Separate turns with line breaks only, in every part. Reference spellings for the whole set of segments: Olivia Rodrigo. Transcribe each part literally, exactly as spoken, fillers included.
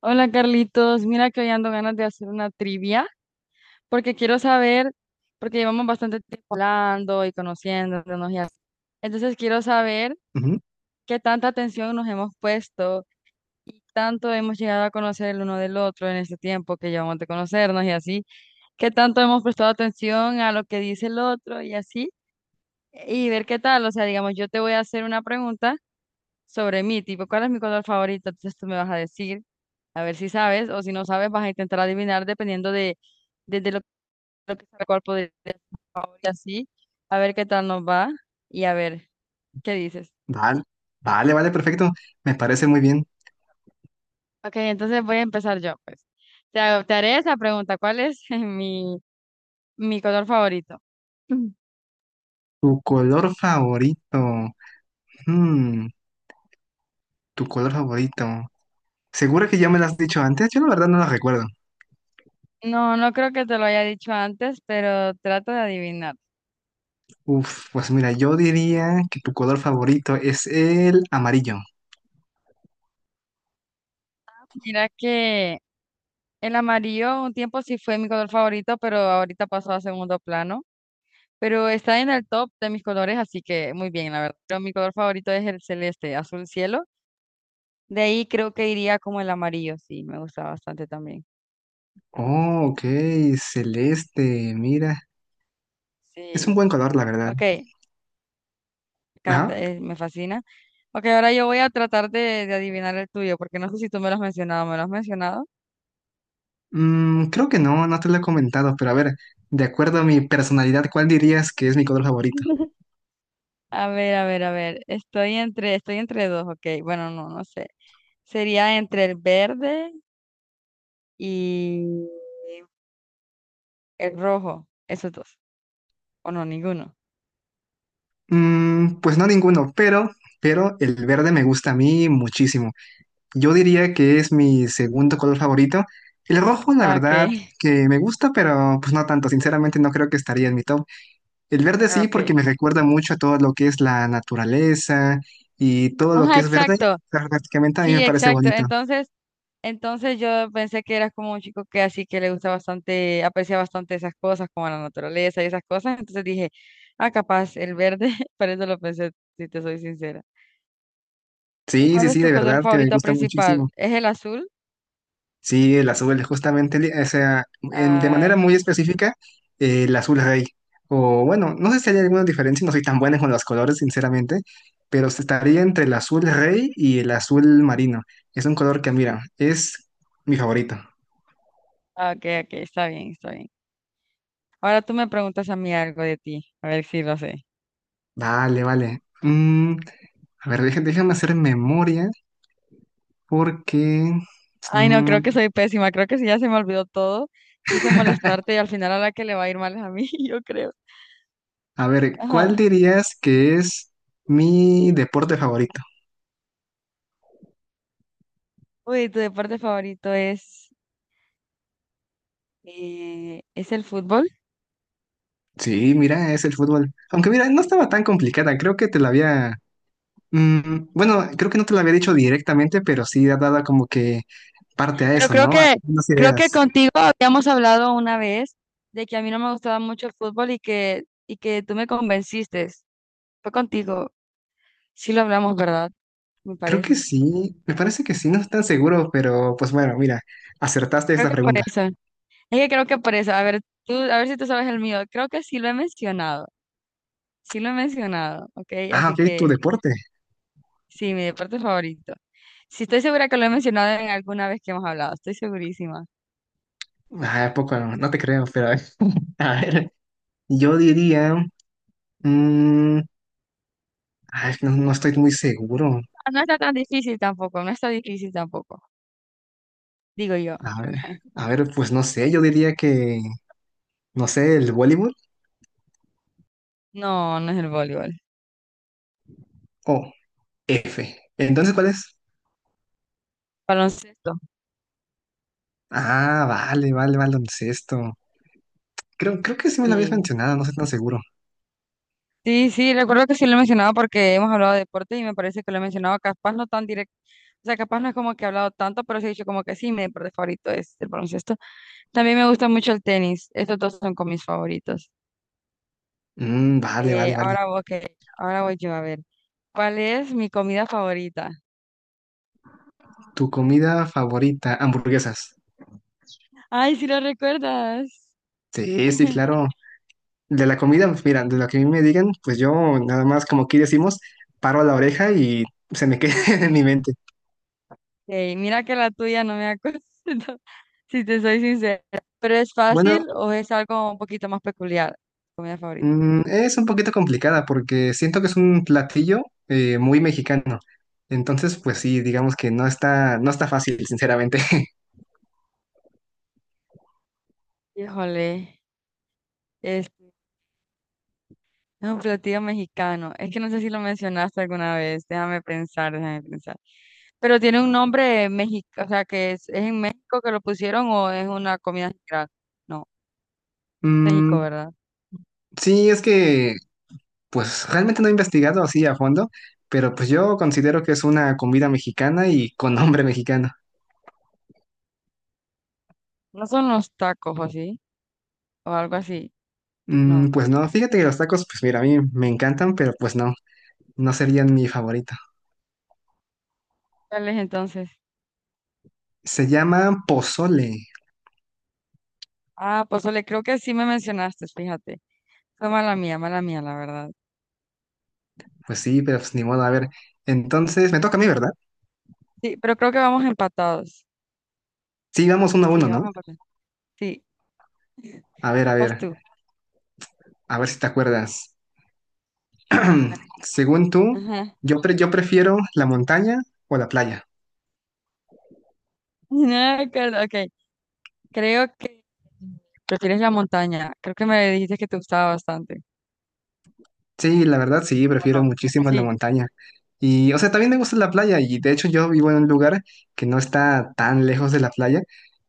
Hola Carlitos, mira que hoy ando ganas de hacer una trivia porque quiero saber, porque llevamos bastante tiempo hablando y conociéndonos y así. Entonces quiero saber
Ujú.
qué tanta atención nos hemos puesto y tanto hemos llegado a conocer el uno del otro en este tiempo que llevamos de conocernos y así, qué tanto hemos prestado atención a lo que dice el otro y así, y ver qué tal. O sea, digamos, yo te voy a hacer una pregunta sobre mí, tipo, ¿cuál es mi color favorito? Entonces tú me vas a decir, a ver si sabes, o si no sabes, vas a intentar adivinar dependiendo de, de, de lo, lo que sabe el cuerpo de, de- y así, a ver qué tal nos va y a ver qué dices.
Vale, vale, vale, perfecto. Me parece muy bien.
Ok, entonces voy a empezar yo, pues. Te, hago- te haré esa pregunta, ¿cuál es mi, mi color favorito? Mm.
Tu color favorito. Hmm, tu color favorito. ¿Segura que ya me lo has dicho antes? Yo la verdad no lo recuerdo.
No, no creo que te lo haya dicho antes, pero trato de adivinar.
Uf, pues mira, yo diría que tu color favorito es el amarillo.
Mira que el amarillo un tiempo sí fue mi color favorito, pero ahorita pasó a segundo plano. Pero está en el top de mis colores, así que muy bien, la verdad. Pero mi color favorito es el celeste, azul cielo. De ahí creo que iría como el amarillo, sí, me gusta bastante también.
Oh, ok, celeste, mira. Es un
Sí,
buen color, la verdad.
ok,
Ajá.
canta, eh, me fascina. Ok, ahora yo voy a tratar de, de adivinar el tuyo, porque no sé si tú me lo has mencionado, ¿me lo has mencionado?
Mm, creo que no, no te lo he comentado, pero a ver, de acuerdo a mi personalidad, ¿cuál dirías que es mi color favorito?
A ver, a ver, a ver, estoy entre, estoy entre dos, ok, bueno, no, no sé. Sería entre el verde y el rojo, esos dos, o no, ninguno.
Mm, pues no ninguno, pero, pero el verde me gusta a mí muchísimo. Yo diría que es mi segundo color favorito. El rojo, la
Ah, ok,
verdad, que me gusta, pero pues no tanto. Sinceramente, no creo que estaría en mi top. El verde sí,
ok.
porque me recuerda mucho a todo lo que es la naturaleza y todo lo
Ajá,
que es verde.
exacto.
Prácticamente a mí me
Sí,
parece
exacto.
bonito.
Entonces, entonces yo pensé que eras como un chico que así que le gusta bastante, aprecia bastante esas cosas, como la naturaleza y esas cosas. Entonces dije, ah, capaz, el verde, por eso lo pensé, si te soy sincera. ¿Y
Sí,
cuál
sí,
es
sí,
tu
de
color
verdad que me
favorito
gusta
principal?
muchísimo.
¿Es el azul?
Sí, el azul, justamente, li- o sea, en- de manera
Ay,
muy específica, eh, el azul rey. O bueno, no sé si hay alguna diferencia, no soy tan buena con los colores, sinceramente, pero se estaría entre el azul rey y el azul marino. Es un color que, mira, es mi favorito.
ah, ok, ok, está bien, está bien. Ahora tú me preguntas a mí algo de ti, a ver si lo sé.
Vale, vale. Mm, a ver, deja- déjame hacer memoria porque...
Ay, no, creo que
mm,
soy pésima, creo que sí, ya se me olvidó todo. Quise molestarte y al final a la que le va a ir mal es a mí, yo creo.
a ver, ¿cuál
Ajá.
dirías que es mi deporte favorito?
Uy, tu deporte favorito es, eh, es el fútbol.
Sí, mira, es el fútbol. Aunque mira, no estaba tan complicada, creo que te la había... mm, bueno, creo que no te la había dicho directamente, pero sí ha dado como que parte a
Pero
eso,
creo
¿no? A
que,
unas
creo que
ideas.
contigo habíamos hablado una vez de que a mí no me gustaba mucho el fútbol y que, y que tú me convenciste. Fue contigo. Sí lo hablamos, ¿verdad? Me
Creo que
parece.
sí, me parece que sí, no estoy tan seguro, pero pues bueno, mira, acertaste
Creo
esta
que por
pregunta.
eso. Es que creo que por eso. A ver, tú, a ver si tú sabes el mío. Creo que sí lo he mencionado. Sí lo he mencionado, ¿ok?
Ah,
Así
ok, tu
que
deporte.
sí, mi deporte favorito. Sí, estoy segura que lo he mencionado en alguna vez que hemos hablado. Estoy segurísima.
Ah, ¿a poco, no te creo, pero a ver, yo diría... mm, ay, no, no estoy muy seguro.
No está tan difícil tampoco, no está difícil tampoco, digo yo.
A ver, a ver, pues no sé, yo diría que, no sé, el voleibol.
No, no es el voleibol.
Oh. F. Entonces, ¿cuál es?
Baloncesto.
Ah, vale, vale, vale, ¿esto? Creo, creo que sí me lo habías
Sí.
mencionado, no estoy tan seguro.
Sí, sí, recuerdo que sí lo he mencionado porque hemos hablado de deporte y me parece que lo he mencionado capaz no tan directo. O sea, capaz no es como que he hablado tanto, pero sí he dicho como que sí, mi deporte favorito es el baloncesto. También me gusta mucho el tenis. Estos dos son con mis favoritos.
Mm, vale,
Eh,
vale, vale.
ahora vos que, ahora voy yo a ver. ¿Cuál es mi comida favorita?
¿Tu comida favorita? Hamburguesas.
Ay, si lo recuerdas.
Sí, sí, claro. De la comida, pues, mira, de lo que a mí me digan, pues yo nada más, como aquí decimos, paro a la oreja y se me queda en mi mente.
Ey, mira que la tuya no me acuerdo, si te soy sincera. ¿Pero es
Bueno,
fácil o es algo un poquito más peculiar? Comida favorita.
Mm, es un poquito complicada porque siento que es un platillo eh, muy mexicano. Entonces, pues sí, digamos que no está, no está fácil, sinceramente.
Híjole, este, es un platillo mexicano. Es que no sé si lo mencionaste alguna vez. Déjame pensar, déjame pensar. Pero tiene un nombre mexicano, o sea, que es, es en México que lo pusieron o es una comida general. No, México,
Mm,
¿verdad?
sí, es que pues realmente no he investigado así a fondo, pero pues yo considero que es una comida mexicana y con nombre mexicano.
No son los tacos o así, o algo así.
Mm,
No.
pues no, fíjate que los tacos, pues mira, a mí me encantan, pero pues no, no serían mi favorito.
¿Cuál es entonces?
Se llama pozole.
Ah, pozole, creo que sí me mencionaste, fíjate. Fue mala mía, mala mía, la verdad.
Pues sí, pero pues ni modo, a ver. Entonces, me toca a mí, ¿verdad?
Sí, pero creo que vamos empatados.
Sí, vamos uno a
Sí,
uno, ¿no?
vamos empatados. Sí,
A ver, a ver,
vas tú.
a ver si te acuerdas. Según tú,
Ajá.
yo, pre- yo prefiero la montaña o la playa.
No, claro acuerdo, ok. Creo que prefieres la montaña. Creo que me dijiste que te gustaba bastante.
Sí, la verdad sí,
¿O
prefiero
no?
muchísimo la
Sí.
montaña. Y, o sea, también me gusta la playa y de hecho yo vivo en un lugar que no está tan lejos de la playa,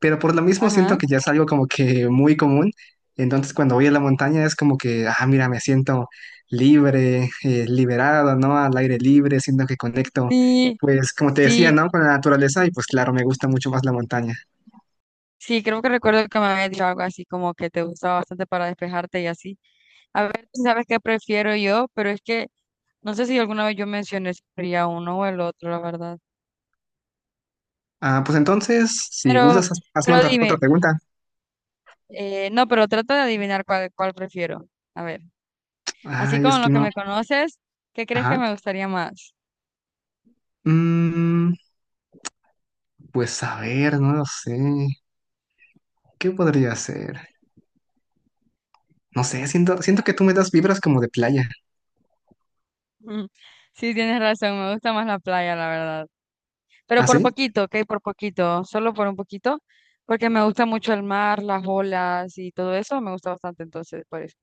pero por lo mismo siento
Ajá.
que ya es algo como que muy común. Entonces cuando voy a la montaña es como que, ah, mira, me siento libre, eh, liberado, ¿no? Al aire libre, siento que conecto,
Sí,
pues como te decía,
sí,
¿no? Con la naturaleza y pues claro, me gusta mucho más la montaña.
sí, creo que recuerdo que me habías dicho algo así como que te gustaba bastante para despejarte y así. A ver, tú sabes qué prefiero yo, pero es que no sé si alguna vez yo mencioné si sería uno o el otro, la verdad.
Ah, pues entonces, si
Pero,
gustas, haz- hazme
pero
otra otra
dime.
pregunta.
Eh, no, pero trata de adivinar cuál, cuál prefiero. A ver, así
Ay, es
como
que
lo que
no.
me conoces, ¿qué crees que
Ajá.
me gustaría más?
Mm, pues a ver, no lo sé. ¿Qué podría ser? No sé, siento, siento que tú me das vibras como de playa.
Mm, sí, tienes razón, me gusta más la playa, la verdad. Pero
¿Ah,
por
sí?
poquito, ok, por poquito, solo por un poquito, porque me gusta mucho el mar, las olas y todo eso, me gusta bastante, entonces, por eso.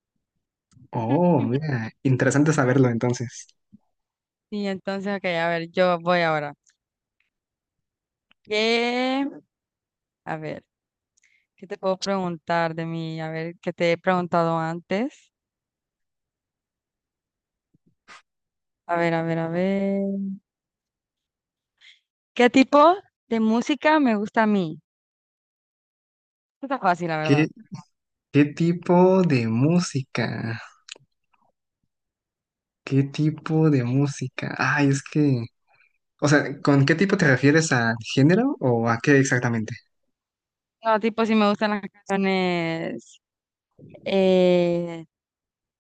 Oh, mira, interesante saberlo entonces.
Y entonces, ok, a ver, yo voy ahora. ¿Qué? A ver, ¿qué te puedo preguntar de mí? A ver, ¿qué te he preguntado antes? A ver, a ver, a ver. ¿Qué tipo de música me gusta a mí? Esto Está fácil, la verdad.
¿Qué, qué tipo de música? ¿Qué tipo de música? Ay, es que... O sea, ¿con qué tipo te refieres a género o a qué exactamente?
No, tipo, si me gustan las canciones eh,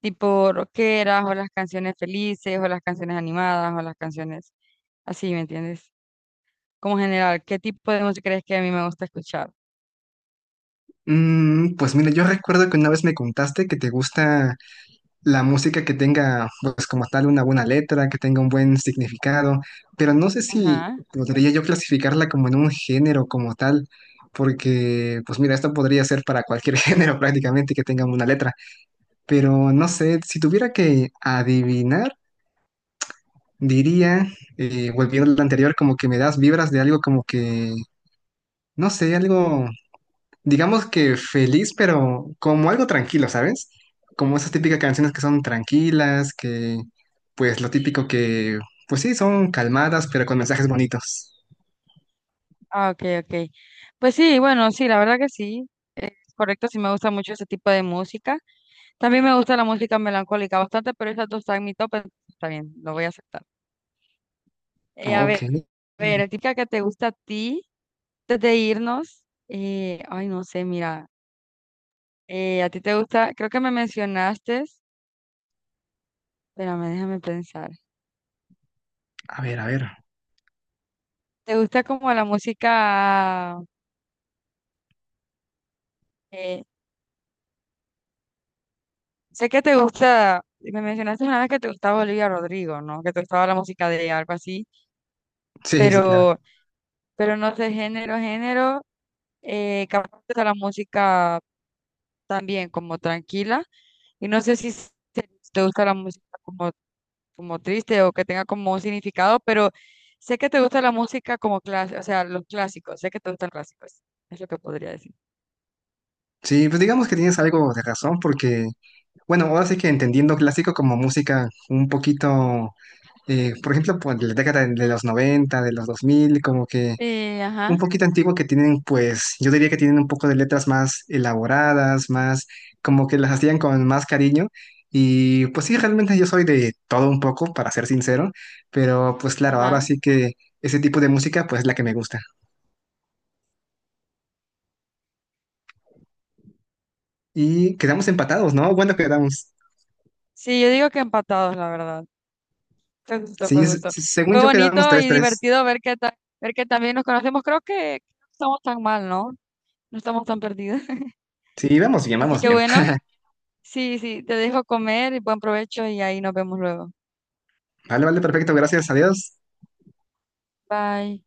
tipo rockeras, o las canciones felices, o las canciones animadas, o las canciones así, ¿me entiendes? Como general, ¿qué tipo de música crees que a mí me gusta escuchar?
Mm, pues mira, yo recuerdo que una vez me contaste que te gusta la música que tenga, pues como tal, una buena letra, que tenga un buen significado, pero no sé si
Ajá.
podría yo clasificarla como en un género como tal, porque, pues mira, esto podría ser para cualquier género prácticamente que tenga una letra, pero no sé, si tuviera que adivinar, diría, eh, volviendo a lo anterior, como que me das vibras de algo como que, no sé, algo digamos que feliz, pero como algo tranquilo, ¿sabes? Como esas típicas canciones que son tranquilas, que pues lo típico que, pues sí, son calmadas, pero con mensajes bonitos.
Ah, ok, ok. Pues sí, bueno, sí, la verdad que sí. Es correcto, sí me gusta mucho ese tipo de música. También me gusta la música melancólica bastante, pero esas dos están en mi top, entonces está bien, lo voy a aceptar. Eh, a
Ok.
ver, a ver, típica que te gusta a ti, antes de irnos, eh, ay, no sé, mira, eh, a ti te gusta, creo que me mencionaste, espérame, déjame pensar,
A ver, a ver.
te gusta como la música, eh, sé que te gusta, me mencionaste una vez que te gustaba Olivia Rodrigo, ¿no? Que te gustaba la música de ella, algo así,
Sí, sí, claro.
pero, pero no sé, género, género, eh, capaz te gusta la música también como tranquila, y no sé si se- te gusta la música como como triste o que tenga como un significado, pero sé que te gusta la música como clásica, o sea, los clásicos, sé que te gustan los clásicos, es lo que podría decir.
Sí, pues digamos que tienes algo de razón porque, bueno, ahora sí que entendiendo clásico como música un poquito, eh, por ejemplo, por la década de los noventa, de los dos mil, como que
Sí,
un
ajá,
poquito antigua que tienen, pues yo diría que tienen un poco de letras más elaboradas, más como que las hacían con más cariño. Y pues sí, realmente yo soy de todo un poco, para ser sincero, pero pues claro, ahora
ajá.
sí que ese tipo de música pues es la que me gusta. Y quedamos empatados, ¿no? Bueno, quedamos.
Sí, yo digo que empatados, la verdad. Fue justo,
Sí,
fue
s-
justo.
según
Fue
yo quedamos
bonito
tres
y
tres
divertido ver que, ta- ver que también nos conocemos. Creo que no estamos tan mal, ¿no? No estamos tan perdidos.
Sí, vamos bien,
Así
vamos
que
bien.
bueno, sí, sí, te dejo comer y buen provecho y ahí nos vemos luego.
Vale, vale, perfecto, gracias, adiós.
Bye.